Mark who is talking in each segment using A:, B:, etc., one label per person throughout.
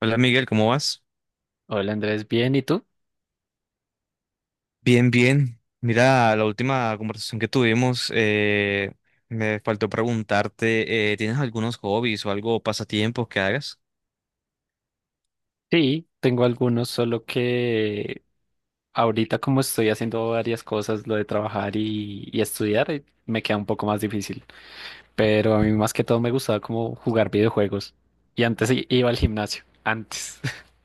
A: Hola Miguel, ¿cómo vas?
B: Hola Andrés, ¿bien? ¿Y tú?
A: Bien, bien. Mira, la última conversación que tuvimos, me faltó preguntarte, ¿tienes algunos hobbies o algo, pasatiempos que hagas?
B: Sí, tengo algunos, solo que ahorita como estoy haciendo varias cosas, lo de trabajar y estudiar, me queda un poco más difícil. Pero a mí más que todo me gustaba como jugar videojuegos. Y antes iba al gimnasio, antes.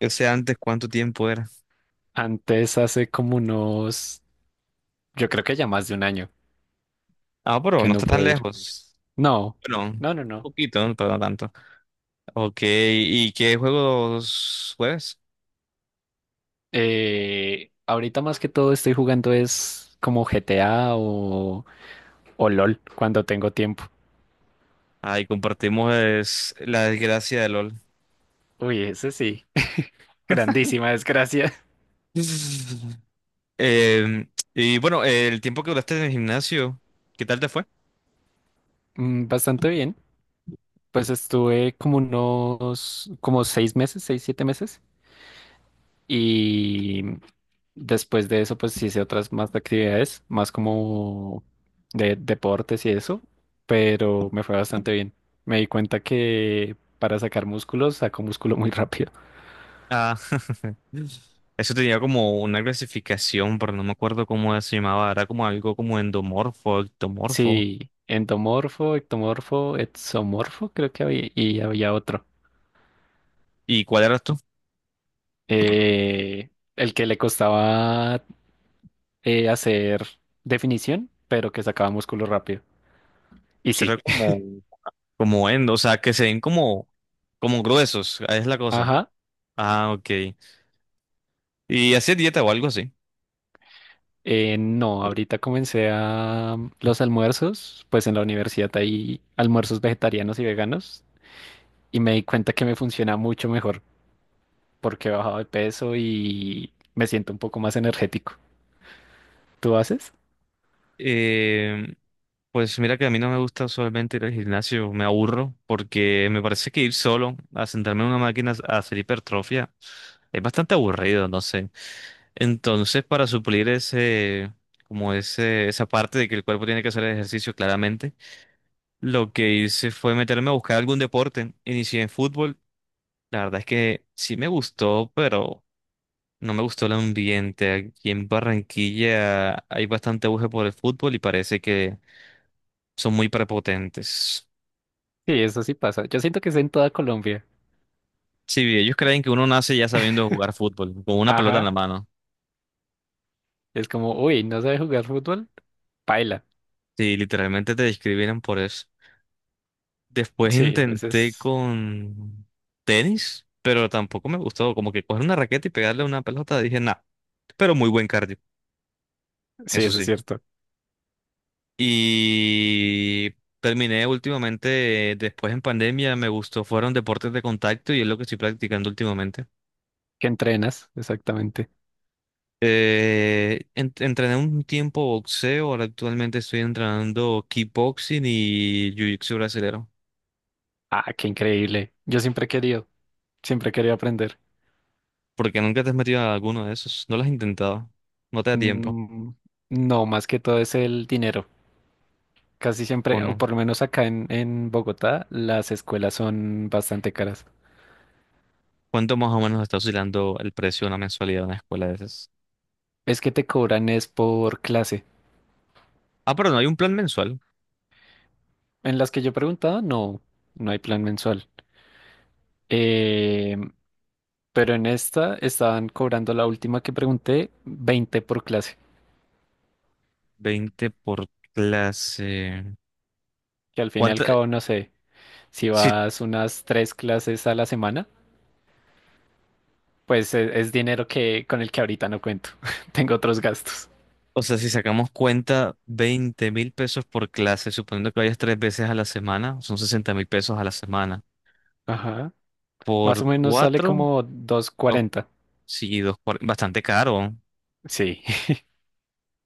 A: Yo sé antes cuánto tiempo era.
B: Antes hace como unos, yo creo que ya más de un año
A: Ah, pero
B: que
A: no
B: no
A: está tan
B: puedo ir.
A: lejos.
B: No,
A: Bueno, un
B: no, no, no.
A: poquito, pero no tanto. Ok, ¿y qué juegos juegas?
B: Ahorita más que todo estoy jugando es como GTA o LOL cuando tengo tiempo.
A: Ahí compartimos es, la desgracia de LOL.
B: Uy, ese sí. Grandísima desgracia.
A: Y bueno, el tiempo que duraste en el gimnasio, ¿qué tal te fue?
B: Mm. Bastante bien. Pues estuve como unos, como 6 meses, seis, 7 meses. Y después de eso, pues hice otras más de actividades, más como de deportes y eso. Pero me fue bastante bien. Me di cuenta que para sacar músculos, saco músculo muy rápido.
A: Ah. Eso tenía como una clasificación, pero no me acuerdo cómo se llamaba. Era como algo como endomorfo, ectomorfo.
B: Sí, endomorfo, ectomorfo, exomorfo, creo que había, y había otro.
A: ¿Y cuál era tú?
B: Eh, el que le costaba hacer definición, pero que sacaba músculo rápido. Y
A: Será
B: sí.
A: como endo, o sea, que se ven como gruesos, es la cosa.
B: Ajá.
A: Ah, ok. ¿Y hacía dieta o algo así?
B: No, ahorita comencé a los almuerzos, pues en la universidad hay almuerzos vegetarianos y veganos y me di cuenta que me funciona mucho mejor porque he bajado de peso y me siento un poco más energético. ¿Tú haces?
A: Eh, pues mira que a mí no me gusta usualmente ir al gimnasio, me aburro porque me parece que ir solo a sentarme en una máquina a hacer hipertrofia es bastante aburrido, no sé. Entonces, para suplir ese, como ese, esa parte de que el cuerpo tiene que hacer ejercicio claramente, lo que hice fue meterme a buscar algún deporte. Inicié en fútbol. La verdad es que sí me gustó, pero no me gustó el ambiente. Aquí en Barranquilla hay bastante auge por el fútbol y parece que son muy prepotentes.
B: Sí, eso sí pasa. Yo siento que es en toda Colombia.
A: Sí, ellos
B: Eh,
A: creen que uno nace ya sabiendo jugar fútbol, con una pelota en la
B: Ajá,
A: mano.
B: es como, uy, ¿no sabes jugar fútbol? Paila.
A: Sí, literalmente te discriminan por eso. Después
B: Sí, a
A: intenté
B: veces,
A: con tenis, pero tampoco me gustó. Como que coger una raqueta y pegarle una pelota, dije, nah, pero muy buen cardio,
B: sí,
A: eso
B: eso es
A: sí.
B: cierto.
A: Y terminé últimamente, después en pandemia, me gustó, fueron deportes de contacto y es lo que estoy practicando últimamente.
B: Que entrenas, exactamente.
A: Entrené un tiempo boxeo, ahora actualmente estoy entrenando kickboxing y jiu-jitsu brasilero.
B: Ah, qué increíble. Yo siempre he querido aprender.
A: ¿Por qué nunca te has metido a alguno de esos? ¿No lo has intentado? ¿No te da tiempo?
B: Mm, no, más que todo es el dinero. Casi
A: ¿O
B: siempre, o
A: no?
B: por lo menos acá en Bogotá, las escuelas son bastante caras.
A: ¿Cuánto más o menos está oscilando el precio de una mensualidad de una escuela de esas?
B: Es que te cobran es por clase.
A: Ah, pero no, hay un plan mensual.
B: En las que yo preguntaba, no, no hay plan mensual. Eh, pero en esta estaban cobrando la última que pregunté, 20 por clase.
A: Veinte por clase.
B: Que al fin y al
A: ¿Cuánto?
B: cabo, no sé, si
A: Si,
B: vas unas tres clases a la semana pues es, dinero que con el que ahorita no cuento. Tengo otros gastos.
A: o sea, si sacamos cuenta, 20.000 pesos por clase, suponiendo que vayas tres veces a la semana, son 60.000 pesos a la semana.
B: Ajá. Más o
A: Por
B: menos sale
A: cuatro.
B: como 240.
A: Sí, bastante caro.
B: Sí,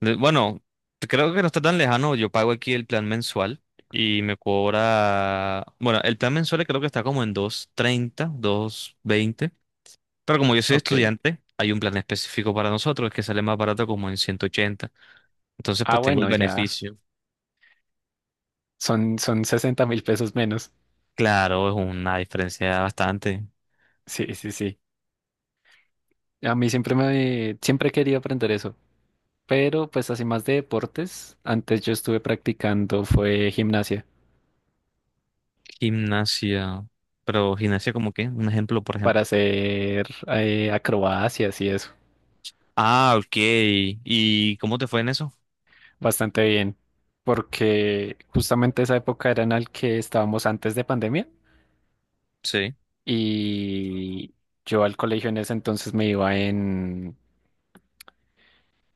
A: Bueno, creo que no está tan lejano. Yo pago aquí el plan mensual y me cobra. Bueno, el plan mensual creo que está como en dos treinta dos veinte. Pero como yo soy
B: ok.
A: estudiante, hay un plan específico para nosotros que sale más barato como en 180. Entonces,
B: Ah,
A: pues tengo el
B: bueno, ya
A: beneficio.
B: son, son 60.000 pesos menos.
A: Claro, es una diferencia bastante.
B: Sí, sí, sí. A mí siempre he querido aprender eso. Pero pues así más de deportes, antes yo estuve practicando fue gimnasia
A: Gimnasia. Pero gimnasia, como qué. Un ejemplo, por
B: para
A: ejemplo.
B: hacer acrobacias y eso.
A: Ah, ok. ¿Y cómo te fue en eso?
B: Bastante bien. Porque justamente esa época era en la que estábamos antes de pandemia.
A: Sí.
B: Y yo al colegio en ese entonces me iba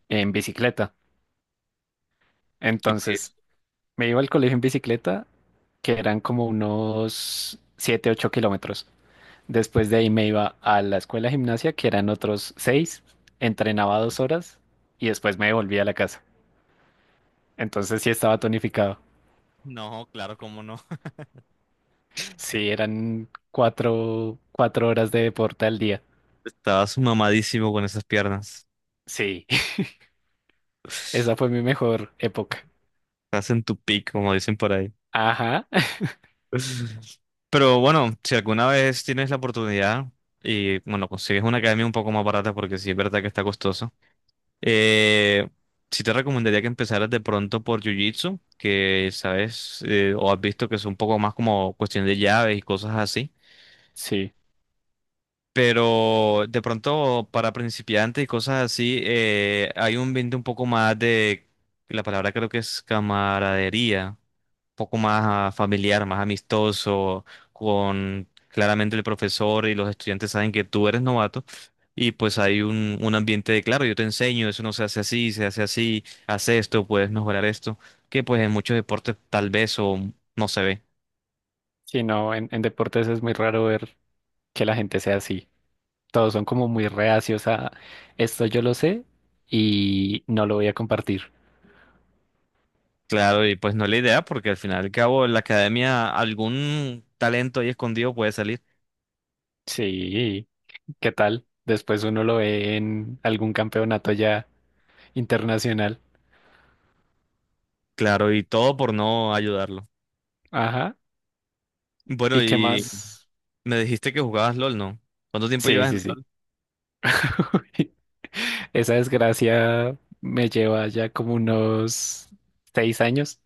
B: en bicicleta.
A: Y pues,
B: Entonces me iba al colegio en bicicleta, que eran como unos 7 u 8 kilómetros. Después de ahí me iba a la escuela de gimnasia, que eran otros seis, entrenaba 2 horas y después me volvía a la casa. Entonces sí estaba tonificado.
A: no, claro, cómo no.
B: Sí, eran cuatro, 4 horas de deporte al día.
A: Estabas mamadísimo con esas piernas.
B: Sí, esa fue mi mejor época.
A: Estás en tu pico, como dicen por ahí.
B: Ajá,
A: Pero bueno, si alguna vez tienes la oportunidad y bueno, consigues una academia un poco más barata porque sí es verdad que está costoso, eh, sí te recomendaría que empezaras de pronto por Jiu-Jitsu, que sabes o has visto que es un poco más como cuestión de llaves y cosas así.
B: sí.
A: Pero de pronto para principiantes y cosas así, hay un ambiente un poco más de, la palabra creo que es camaradería, un poco más ah, familiar, más amistoso, con claramente el profesor y los estudiantes saben que tú eres novato y pues hay un ambiente de, claro, yo te enseño, eso no se hace así, se hace así, haz esto, puedes mejorar esto, que pues en muchos deportes tal vez o no se ve.
B: Sí, no, en deportes es muy raro ver que la gente sea así. Todos son como muy reacios a esto, yo lo sé y no lo voy a compartir.
A: Claro, y pues no es la idea, porque al final y al cabo en la academia algún talento ahí escondido puede salir.
B: Sí, ¿qué tal? Después uno lo ve en algún campeonato ya internacional.
A: Claro, y todo por no ayudarlo.
B: Ajá.
A: Bueno,
B: ¿Y qué
A: y
B: más?
A: me dijiste que jugabas LOL, ¿no? ¿Cuánto tiempo
B: Sí,
A: llevas en
B: sí, sí.
A: LOL?
B: Esa desgracia me lleva ya como unos 6 años.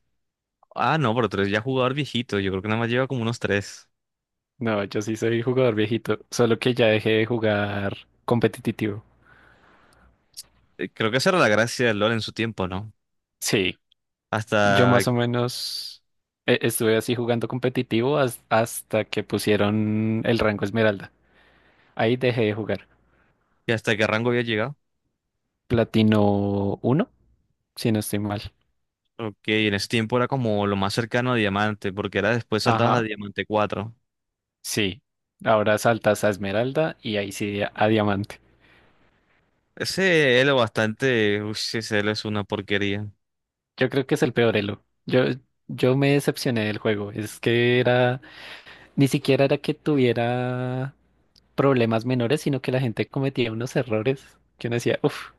A: Ah, no, pero tú eres ya jugador viejito, yo creo que nada más lleva como unos tres.
B: No, yo sí soy jugador viejito, solo que ya dejé de jugar competitivo.
A: Creo que esa era la gracia del LOL en su tiempo, ¿no?
B: Sí. Yo
A: Hasta,
B: más o menos estuve así jugando competitivo hasta que pusieron el rango Esmeralda. Ahí dejé de jugar.
A: hasta qué rango había llegado.
B: Platino uno, si no estoy mal.
A: Ok, en ese tiempo era como lo más cercano a Diamante, porque era después saltabas a
B: Ajá,
A: Diamante cuatro.
B: sí. Ahora saltas a Esmeralda y ahí sí a Diamante.
A: Ese Elo bastante, uy, ese Elo es una porquería.
B: Yo creo que es el peor elo. Yo me decepcioné del juego. Es que era, ni siquiera era que tuviera problemas menores, sino que la gente cometía unos errores que uno decía, uff,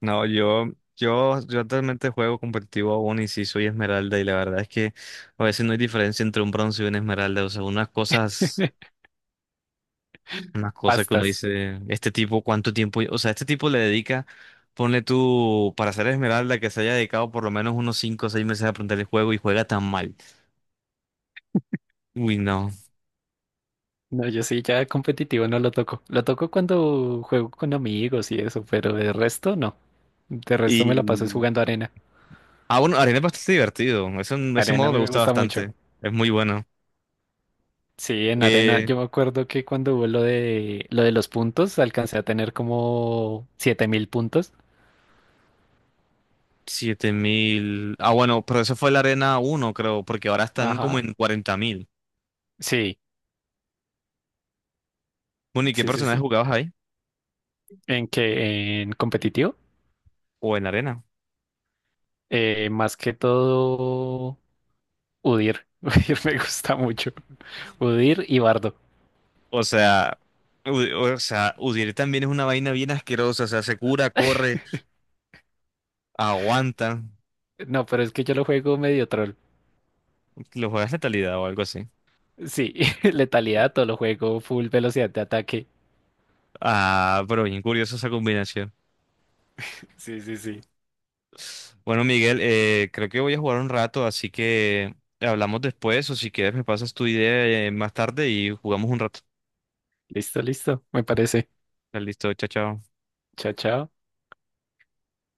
A: No, yo actualmente juego competitivo aún y sí soy esmeralda y la verdad es que a veces no hay diferencia entre un bronce y una esmeralda. O sea, unas cosas que uno
B: bastas.
A: dice, este tipo, ¿cuánto tiempo? O sea, este tipo le dedica, ponle tú, para ser esmeralda, que se haya dedicado por lo menos unos 5 o 6 meses a aprender el juego y juega tan mal. Uy, no.
B: No, yo sí, ya competitivo no lo toco. Lo toco cuando juego con amigos y eso, pero de resto no. De resto me la paso es
A: Y...
B: jugando arena.
A: Ah, bueno, Arena es bastante divertido. Ese
B: Arena a
A: modo
B: mí
A: me
B: me
A: gusta
B: gusta mucho.
A: bastante. Es muy bueno.
B: Sí, en arena
A: Eh,
B: yo me acuerdo que cuando hubo lo de los puntos, alcancé a tener como 7.000 puntos.
A: 7.000. Ah, bueno, pero eso fue la Arena uno creo, porque ahora están como
B: Ajá.
A: en 40.000.
B: Sí,
A: Bueno, ¿y qué
B: sí, sí,
A: personajes
B: sí.
A: jugabas ahí?
B: En que en competitivo,
A: ¿O en la Arena?
B: más que todo UDIR. UDIR me gusta mucho. UDIR y Bardo.
A: O sea, o sea, Udyr también es una vaina bien asquerosa. O sea, se cura, corre, aguanta.
B: No, pero es que yo lo juego medio troll.
A: Lo juegas letalidad o algo así.
B: Sí, letalidad, todo lo juego, full velocidad de ataque.
A: Ah, pero bien curiosa esa combinación.
B: Sí, sí, sí.
A: Bueno, Miguel, creo que voy a jugar un rato, así que hablamos después. O si quieres, me pasas tu idea más tarde y jugamos un rato.
B: Listo, listo, me parece.
A: Listo, chao, chao.
B: Chao, chao.